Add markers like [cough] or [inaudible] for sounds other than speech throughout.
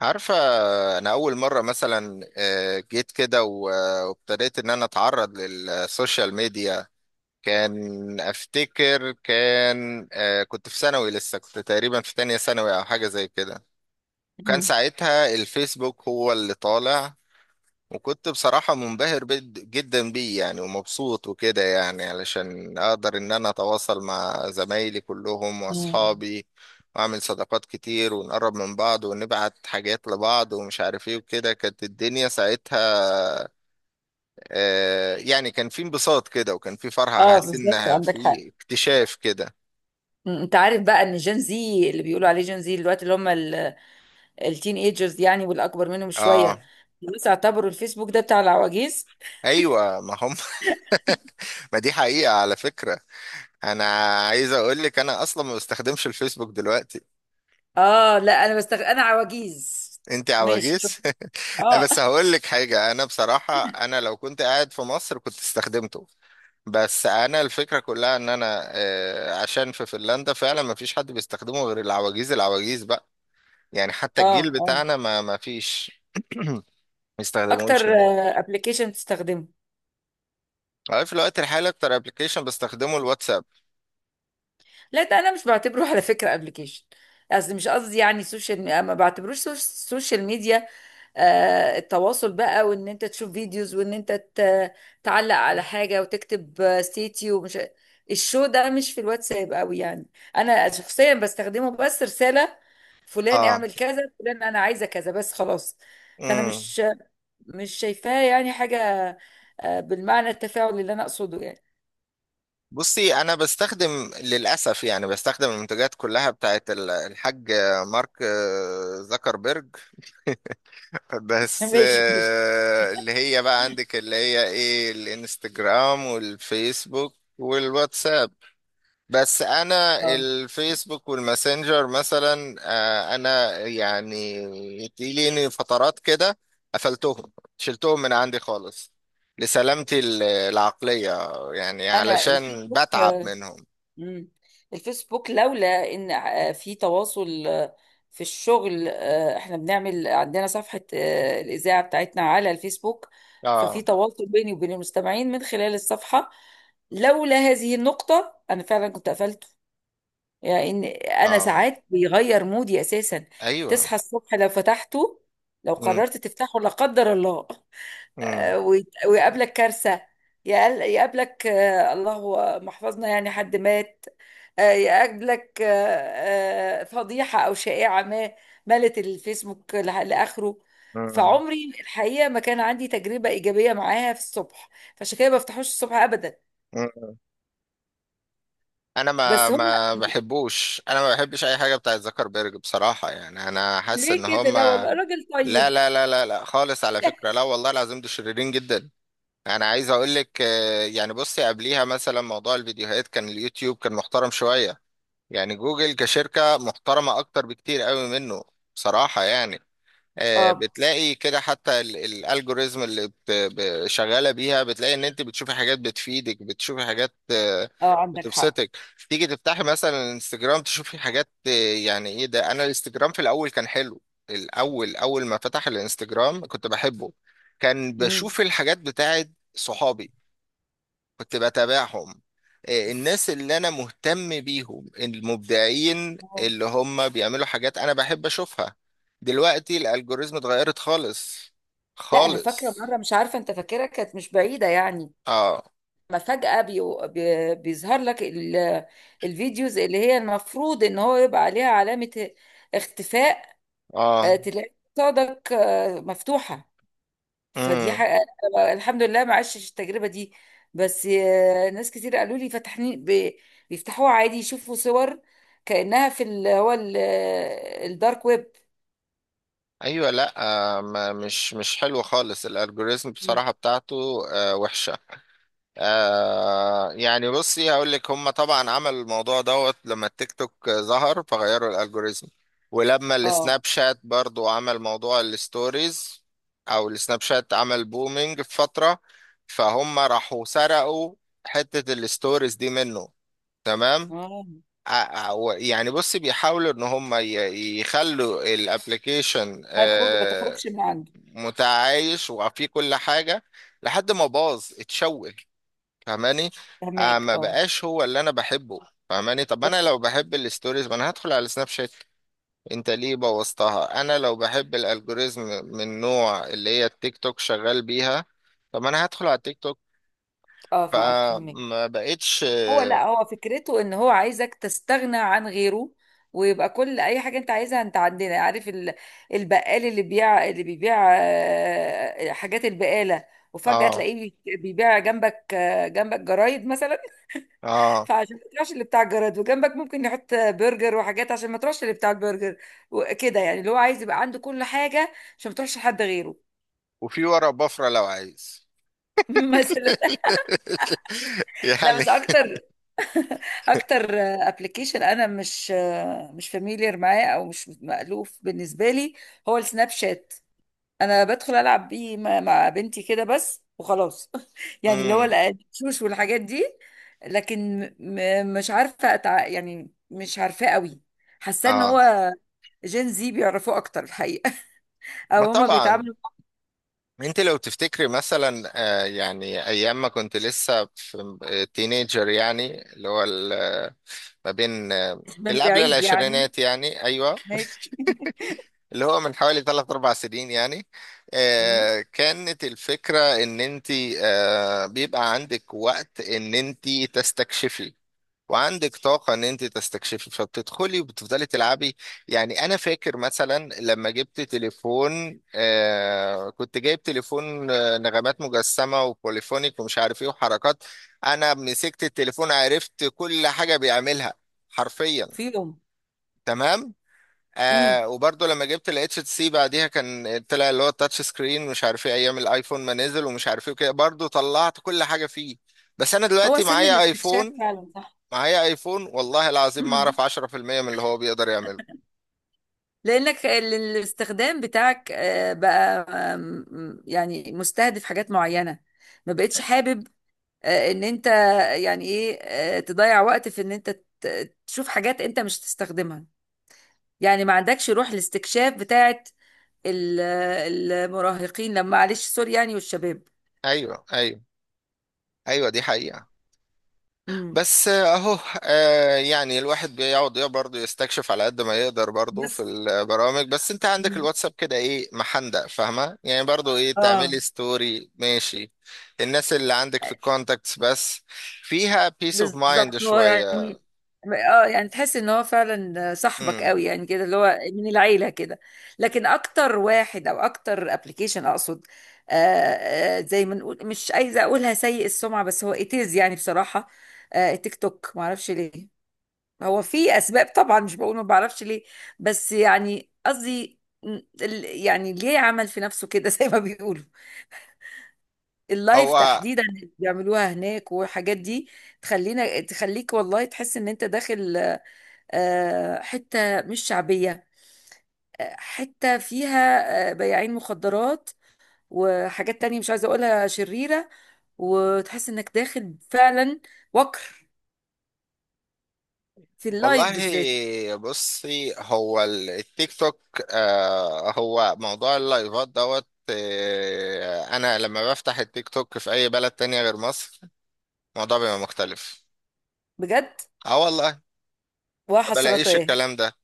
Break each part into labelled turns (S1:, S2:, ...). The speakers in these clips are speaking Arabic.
S1: عارفة. أنا أول مرة مثلا جيت كده وابتديت إن أنا أتعرض للسوشيال ميديا. كان أفتكر كان آه، كنت في ثانوي لسه، كنت تقريبا في تانية ثانوي أو حاجة زي كده. كان
S2: مم.
S1: ساعتها الفيسبوك هو اللي طالع. وكنت بصراحة منبهر جدا بيه يعني، ومبسوط وكده، يعني علشان أقدر إن أنا أتواصل مع زمايلي كلهم
S2: مم.
S1: وأصحابي، وأعمل صداقات كتير، ونقرب من بعض، ونبعت حاجات لبعض ومش عارف إيه وكده كانت الدنيا ساعتها. يعني كان في انبساط كده، وكان في فرحة،
S2: اه،
S1: حاسس
S2: بالظبط
S1: إنها
S2: عندك حق.
S1: في اكتشاف كده.
S2: مم. انت عارف بقى ان جين زي اللي بيقولوا عليه جين زي دلوقتي اللي هم التين ايجرز يعني، والاكبر منهم
S1: آه،
S2: شويه. الناس اعتبروا الفيسبوك ده بتاع العواجيز.
S1: أيوة ما هم. [laughs] ما دي حقيقة على فكرة. أنا عايز أقول لك أنا أصلا ما بستخدمش الفيسبوك دلوقتي.
S2: اه، لا انا انا عواجيز.
S1: انت
S2: ماشي، شوف.
S1: عواجيز. [laughs] لا،
S2: اه.
S1: بس هقول لك حاجه، انا بصراحه انا لو كنت قاعد في مصر كنت استخدمته. بس انا الفكره كلها ان انا آه، عشان في فنلندا فعلا ما فيش حد بيستخدمه غير العواجيز، العواجيز بقى. يعني حتى
S2: اه،
S1: الجيل
S2: اه،
S1: بتاعنا ما فيش [clears throat] ما
S2: اكتر
S1: يستخدموش هناك.
S2: ابلكيشن بتستخدمه؟
S1: أنا في الوقت الحالي اكتر ابلكيشن بستخدمه الواتساب.
S2: لا، ده انا مش بعتبره على فكره ابلكيشن. مش قصدي يعني ما بعتبروش سوشيال ميديا. التواصل بقى، وان انت تشوف فيديوز، وان انت تعلق على حاجه، وتكتب ستيتي، ومش الشو ده، مش في الواتساب قوي يعني. انا شخصيا بستخدمه بس رساله: فلان
S1: اه.
S2: اعمل كذا، فلان انا عايزه كذا، بس خلاص. فانا
S1: امم.
S2: مش مش شايفاها يعني حاجه، بالمعنى التفاعلي اللي انا اقصده يعني.
S1: بصي، انا بستخدم للاسف، يعني بستخدم المنتجات كلها بتاعت الحاج مارك، زكربرج.
S2: [laughs]
S1: بس
S2: ماشي، ماشي.
S1: آه، اللي هي بقى عندك اللي هي ايه، الانستجرام والفيسبوك والواتساب. بس انا
S2: اه.
S1: الفيسبوك والماسنجر مثلا، انا يعني تجيلي فترات كده، قفلتهم، شلتهم من عندي خالص لسلامتي العقلية، يعني
S2: انا
S1: علشان
S2: الفيسبوك،
S1: بتعب منهم.
S2: مم. الفيسبوك لولا ان في تواصل، في الشغل، احنا بنعمل عندنا صفحة، الإذاعة بتاعتنا على الفيسبوك، ففي
S1: اه
S2: تواصل بيني وبين المستمعين من خلال الصفحة. لولا هذه النقطة أنا فعلا كنت قفلته. يعني إن أنا
S1: اه.
S2: ساعات بيغير مودي أساسا.
S1: ايوه.
S2: تصحى الصبح لو فتحته، لو
S1: مم،
S2: قررت تفتحه لا قدر الله،
S1: مم،
S2: ويقابلك كارثة. يقابلك، الله محفظنا يعني، حد مات. يقابلك فضيحة أو شائعة ما، ملت الفيسبوك لآخره.
S1: مم،
S2: فعمري الحقيقة ما كان عندي تجربة إيجابية معاها في الصبح، فعشان كده ما بفتحوش الصبح أبدا.
S1: مم. انا ما
S2: بس هم. [laughs]
S1: ما بحبوش، انا ما بحبش اي حاجه بتاعت زكربيرج بصراحه، يعني انا حاسس
S2: ليه
S1: ان
S2: كده؟
S1: هم،
S2: لا والله، راجل
S1: لا
S2: طيب.
S1: لا لا لا لا، خالص على فكرة،
S2: [laughs]
S1: لا والله العظيم دول شريرين جدا. انا عايز اقول لك، يعني بصي قبليها مثلا موضوع الفيديوهات، كان اليوتيوب كان محترم شوية. يعني جوجل كشركة محترمة اكتر بكتير قوي منه، بصراحة يعني.
S2: اه،
S1: بتلاقي كده حتى الالجوريزم اللي شغاله بيها، بتلاقي ان انت بتشوفي حاجات بتفيدك، بتشوفي حاجات
S2: اه، عندك حق.
S1: بتبسطك. تيجي تفتحي مثلا الانستجرام تشوفي حاجات يعني ايه ده. انا الانستجرام في الاول كان حلو، الاول اول ما فتح الانستجرام كنت بحبه، كان
S2: امم
S1: بشوف الحاجات بتاعت صحابي، كنت بتابعهم. الناس اللي انا مهتم بيهم، المبدعين اللي هم بيعملوا حاجات انا بحب اشوفها. دلوقتي الالجوريزم اتغيرت خالص،
S2: لا، انا فاكره
S1: خالص.
S2: مره، مش عارفه انت فاكرها، كانت مش بعيده يعني،
S1: اه
S2: لما فجأة بيظهر لك الفيديوز اللي هي المفروض ان هو يبقى عليها علامة اختفاء،
S1: اه.
S2: تلاقي قصادك مفتوحة. فدي
S1: امم.
S2: حقيقة. الحمد لله ما عشتش التجربة دي. بس ناس كتير قالوا لي فتحني، بيفتحوها عادي، يشوفوا صور كأنها في الدارك ويب.
S1: ايوه. لا. آه، ما مش حلو خالص الالجوريزم
S2: مم.
S1: بصراحة بتاعته، آه وحشة. يعني بصي هقول لك، هم طبعا عملوا الموضوع دوت لما التيك توك ظهر، فغيروا الالجوريزم. ولما
S2: اه.
S1: السناب شات برضو عمل موضوع الستوريز، او السناب شات عمل بومينج في فترة، فهم راحوا سرقوا حتة الستوريز دي منه. تمام.
S2: اه.
S1: ع- يعني بصي، بيحاولوا ان هم يخلوا الابليكيشن
S2: ما تخرجش من عنده.
S1: متعايش وفيه كل حاجة، لحد ما باظ اتشوه. فاهماني؟
S2: فهماك،
S1: ما
S2: اه.
S1: بقاش هو اللي انا بحبه. فاهماني؟ طب
S2: بس
S1: انا لو بحب الستوريز ما انا هدخل على سناب شات، انت ليه بوظتها؟ انا لو بحب الالجوريزم من نوع اللي هي التيك توك شغال بيها، طب انا هدخل على التيك توك.
S2: اه، معاك، فهماك.
S1: فما بقتش.
S2: هو لا، هو فكرته ان هو عايزك تستغنى عن غيره، ويبقى كل اي حاجه انت عايزها انت عندنا. عارف البقال اللي بيبيع حاجات البقاله، وفجاه
S1: اه
S2: تلاقيه بيبيع جنبك، جنبك جرايد مثلا،
S1: اه.
S2: فعشان ما تروحش اللي بتاع الجرايد، وجنبك ممكن يحط برجر وحاجات عشان ما تروحش اللي بتاع البرجر. وكده يعني، اللي هو عايز يبقى عنده كل حاجه عشان ما تروحش حد غيره.
S1: وفي ورا بفرة لو عايز.
S2: [laughs] مثلا.
S1: [laughs]
S2: لا،
S1: يعني.
S2: بس اكتر. [laughs] اكتر ابلكيشن انا مش فاميليار معاه، او مش مألوف بالنسبه لي، هو السناب شات. انا بدخل العب بيه مع بنتي كده بس وخلاص. [laughs] يعني اللي هو
S1: امم.
S2: الشوش والحاجات دي. لكن مش يعني مش عارفاه قوي. حاسه ان
S1: اه.
S2: هو جين زي بيعرفوه اكتر الحقيقه. [laughs]
S1: ما
S2: او هما
S1: طبعا.
S2: بيتعاملوا
S1: انت لو تفتكري مثلا، يعني ايام ما كنت لسه في تينيجر، يعني اللي هو ما بين
S2: من
S1: اللي قبل
S2: بعيد يعني.
S1: العشرينات يعني، ايوه،
S2: ماشي.
S1: اللي هو من حوالي ثلاث اربع سنين يعني.
S2: [laughs] مم.
S1: كانت الفكرة ان انت بيبقى عندك وقت ان انت تستكشفي، وعندك طاقة ان انت تستكشفي، فبتدخلي وبتفضلي تلعبي. يعني انا فاكر مثلا لما جبت تليفون، آه كنت جايب تليفون آه نغمات مجسمة وبوليفونيك ومش عارف ايه وحركات، انا مسكت التليفون عرفت كل حاجة بيعملها حرفيا.
S2: فيهم.
S1: تمام.
S2: امم
S1: آه، وبرضه لما جبت ال HTC بعديها، كان طلع اللي هو التاتش سكرين مش عارف ايه، ايام الايفون ما نزل ومش عارف ايه وكده، برضه طلعت كل حاجة فيه. بس انا
S2: هو
S1: دلوقتي
S2: سن
S1: معايا
S2: الاستكشاف
S1: ايفون،
S2: فعلا.
S1: معايا ايفون والله
S2: صح.
S1: العظيم ما اعرف 10% من اللي هو بيقدر يعمله.
S2: لانك الاستخدام بتاعك بقى، يعني مستهدف حاجات معينه. ما بقتش حابب ان انت، يعني ايه، تضيع وقت في ان انت تشوف حاجات انت مش تستخدمها. يعني ما عندكش روح الاستكشاف بتاعت ال- المراهقين، لما، معلش سوري يعني، والشباب.
S1: ايوه ايوه. ايوه دي حقيقة.
S2: مم.
S1: بس آه، اهو آه يعني الواحد بيقعد برضه يستكشف على قد ما يقدر برضه في
S2: بس.
S1: البرامج. بس انت عندك
S2: مم.
S1: الواتساب كده ايه، محندق، فاهمة يعني، برضه ايه
S2: اه،
S1: تعملي ستوري، ماشي، الناس اللي عندك في الكونتاكتس بس، فيها بيس اوف مايند
S2: بالظبط. هو
S1: شوية.
S2: يعني، اه يعني تحس ان هو فعلا صاحبك قوي
S1: امم.
S2: يعني، كده اللي هو من العيله كده. لكن اكتر واحد او اكتر ابلكيشن اقصد، آه زي ما نقول، مش عايزه اقولها سيء السمعه، بس هو اتيز يعني بصراحه. تيك توك ما اعرفش ليه، هو في اسباب طبعا، مش بقول ما بعرفش ليه، بس يعني قصدي، يعني ليه عمل في نفسه كده، [laughs] زي ما بيقولوا، اللايف
S1: هو.
S2: تحديدا اللي بيعملوها هناك والحاجات دي. تخليك والله تحس ان انت داخل حتة مش شعبية، حتة فيها بياعين مخدرات وحاجات تانية مش عايزة اقولها شريرة، وتحس انك داخل فعلا وكر، في
S1: والله
S2: اللايف بالذات.
S1: بصي، هو التيك توك، هو موضوع اللايفات دوت. آه، انا لما بفتح التيك توك في اي بلد تانية غير مصر، الموضوع بيبقى مختلف.
S2: بجد؟
S1: اه والله. ما بلاقيش
S2: وحسرتاه. [laughs]
S1: الكلام ده.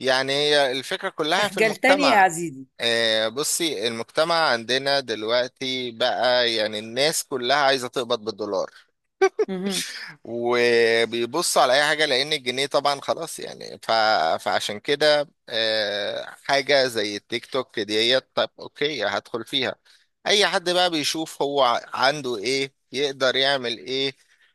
S1: يعني هي الفكرة كلها في
S2: اخجلتني يا
S1: المجتمع.
S2: عزيزي.
S1: بصي، المجتمع عندنا دلوقتي بقى، يعني الناس كلها عايزة تقبض بالدولار،
S2: مهم.
S1: وبيبص على اي حاجه، لان الجنيه طبعا خلاص يعني، ف... فعشان كده حاجه زي التيك توك ديت، طب اوكي هدخل فيها، اي حد بقى بيشوف هو عنده ايه، يقدر يعمل ايه،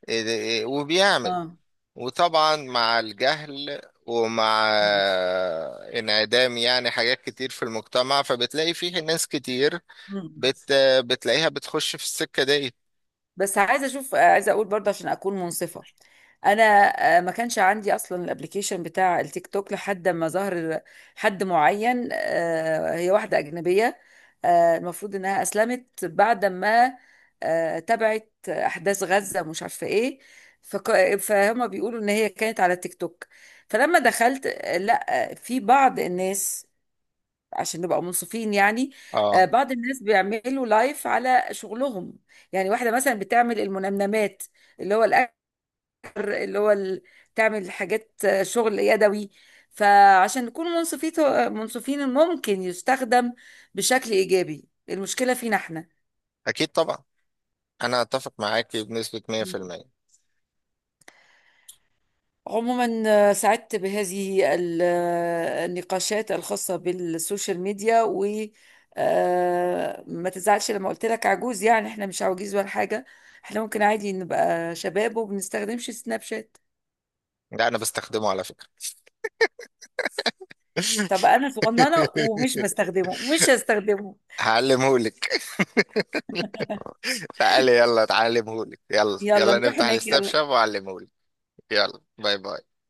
S1: إيه ده- إيه، وبيعمل.
S2: اه.
S1: وطبعا مع الجهل، ومع انعدام يعني حاجات كتير في المجتمع، فبتلاقي فيه ناس كتير
S2: مهم.
S1: بت... بتلاقيها بتخش في السكه دي.
S2: بس عايزه اشوف، عايزه اقول برضه عشان اكون منصفه. انا ما كانش عندي اصلا الابليكيشن بتاع التيك توك لحد ما ظهر حد معين. هي واحده اجنبيه، المفروض انها اسلمت بعد ما تابعت احداث غزه، مش عارفه ايه. فهم بيقولوا ان هي كانت على التيك توك. فلما دخلت، لا، في بعض الناس، عشان نبقى منصفين يعني،
S1: اه.
S2: بعض الناس بيعملوا لايف على شغلهم. يعني واحدة مثلا بتعمل المنمنمات، اللي هو الأكل، اللي هو تعمل حاجات، شغل يدوي. فعشان نكون منصفين ممكن يستخدم بشكل إيجابي. المشكلة فينا احنا
S1: اكيد طبعا، انا اتفق معاك بنسبة 100%.
S2: عموما. سعدت بهذه النقاشات الخاصة بالسوشيال ميديا. وما تزعلش لما قلت لك عجوز، يعني احنا مش عواجيز ولا حاجة، احنا ممكن عادي نبقى شباب وبنستخدمش سناب شات.
S1: ده انا بستخدمه على فكرة.
S2: طب انا صغننة، ومش
S1: [laughs]
S2: بستخدمه، ومش هستخدمه.
S1: هعلمهولك. [laughs] تعالي يلا تعلمهولك، يلا
S2: يلا
S1: يلا
S2: نروح
S1: نفتح
S2: هناك،
S1: الستاب
S2: يلا.
S1: شاب وأعلمهولك. يلا باي باي.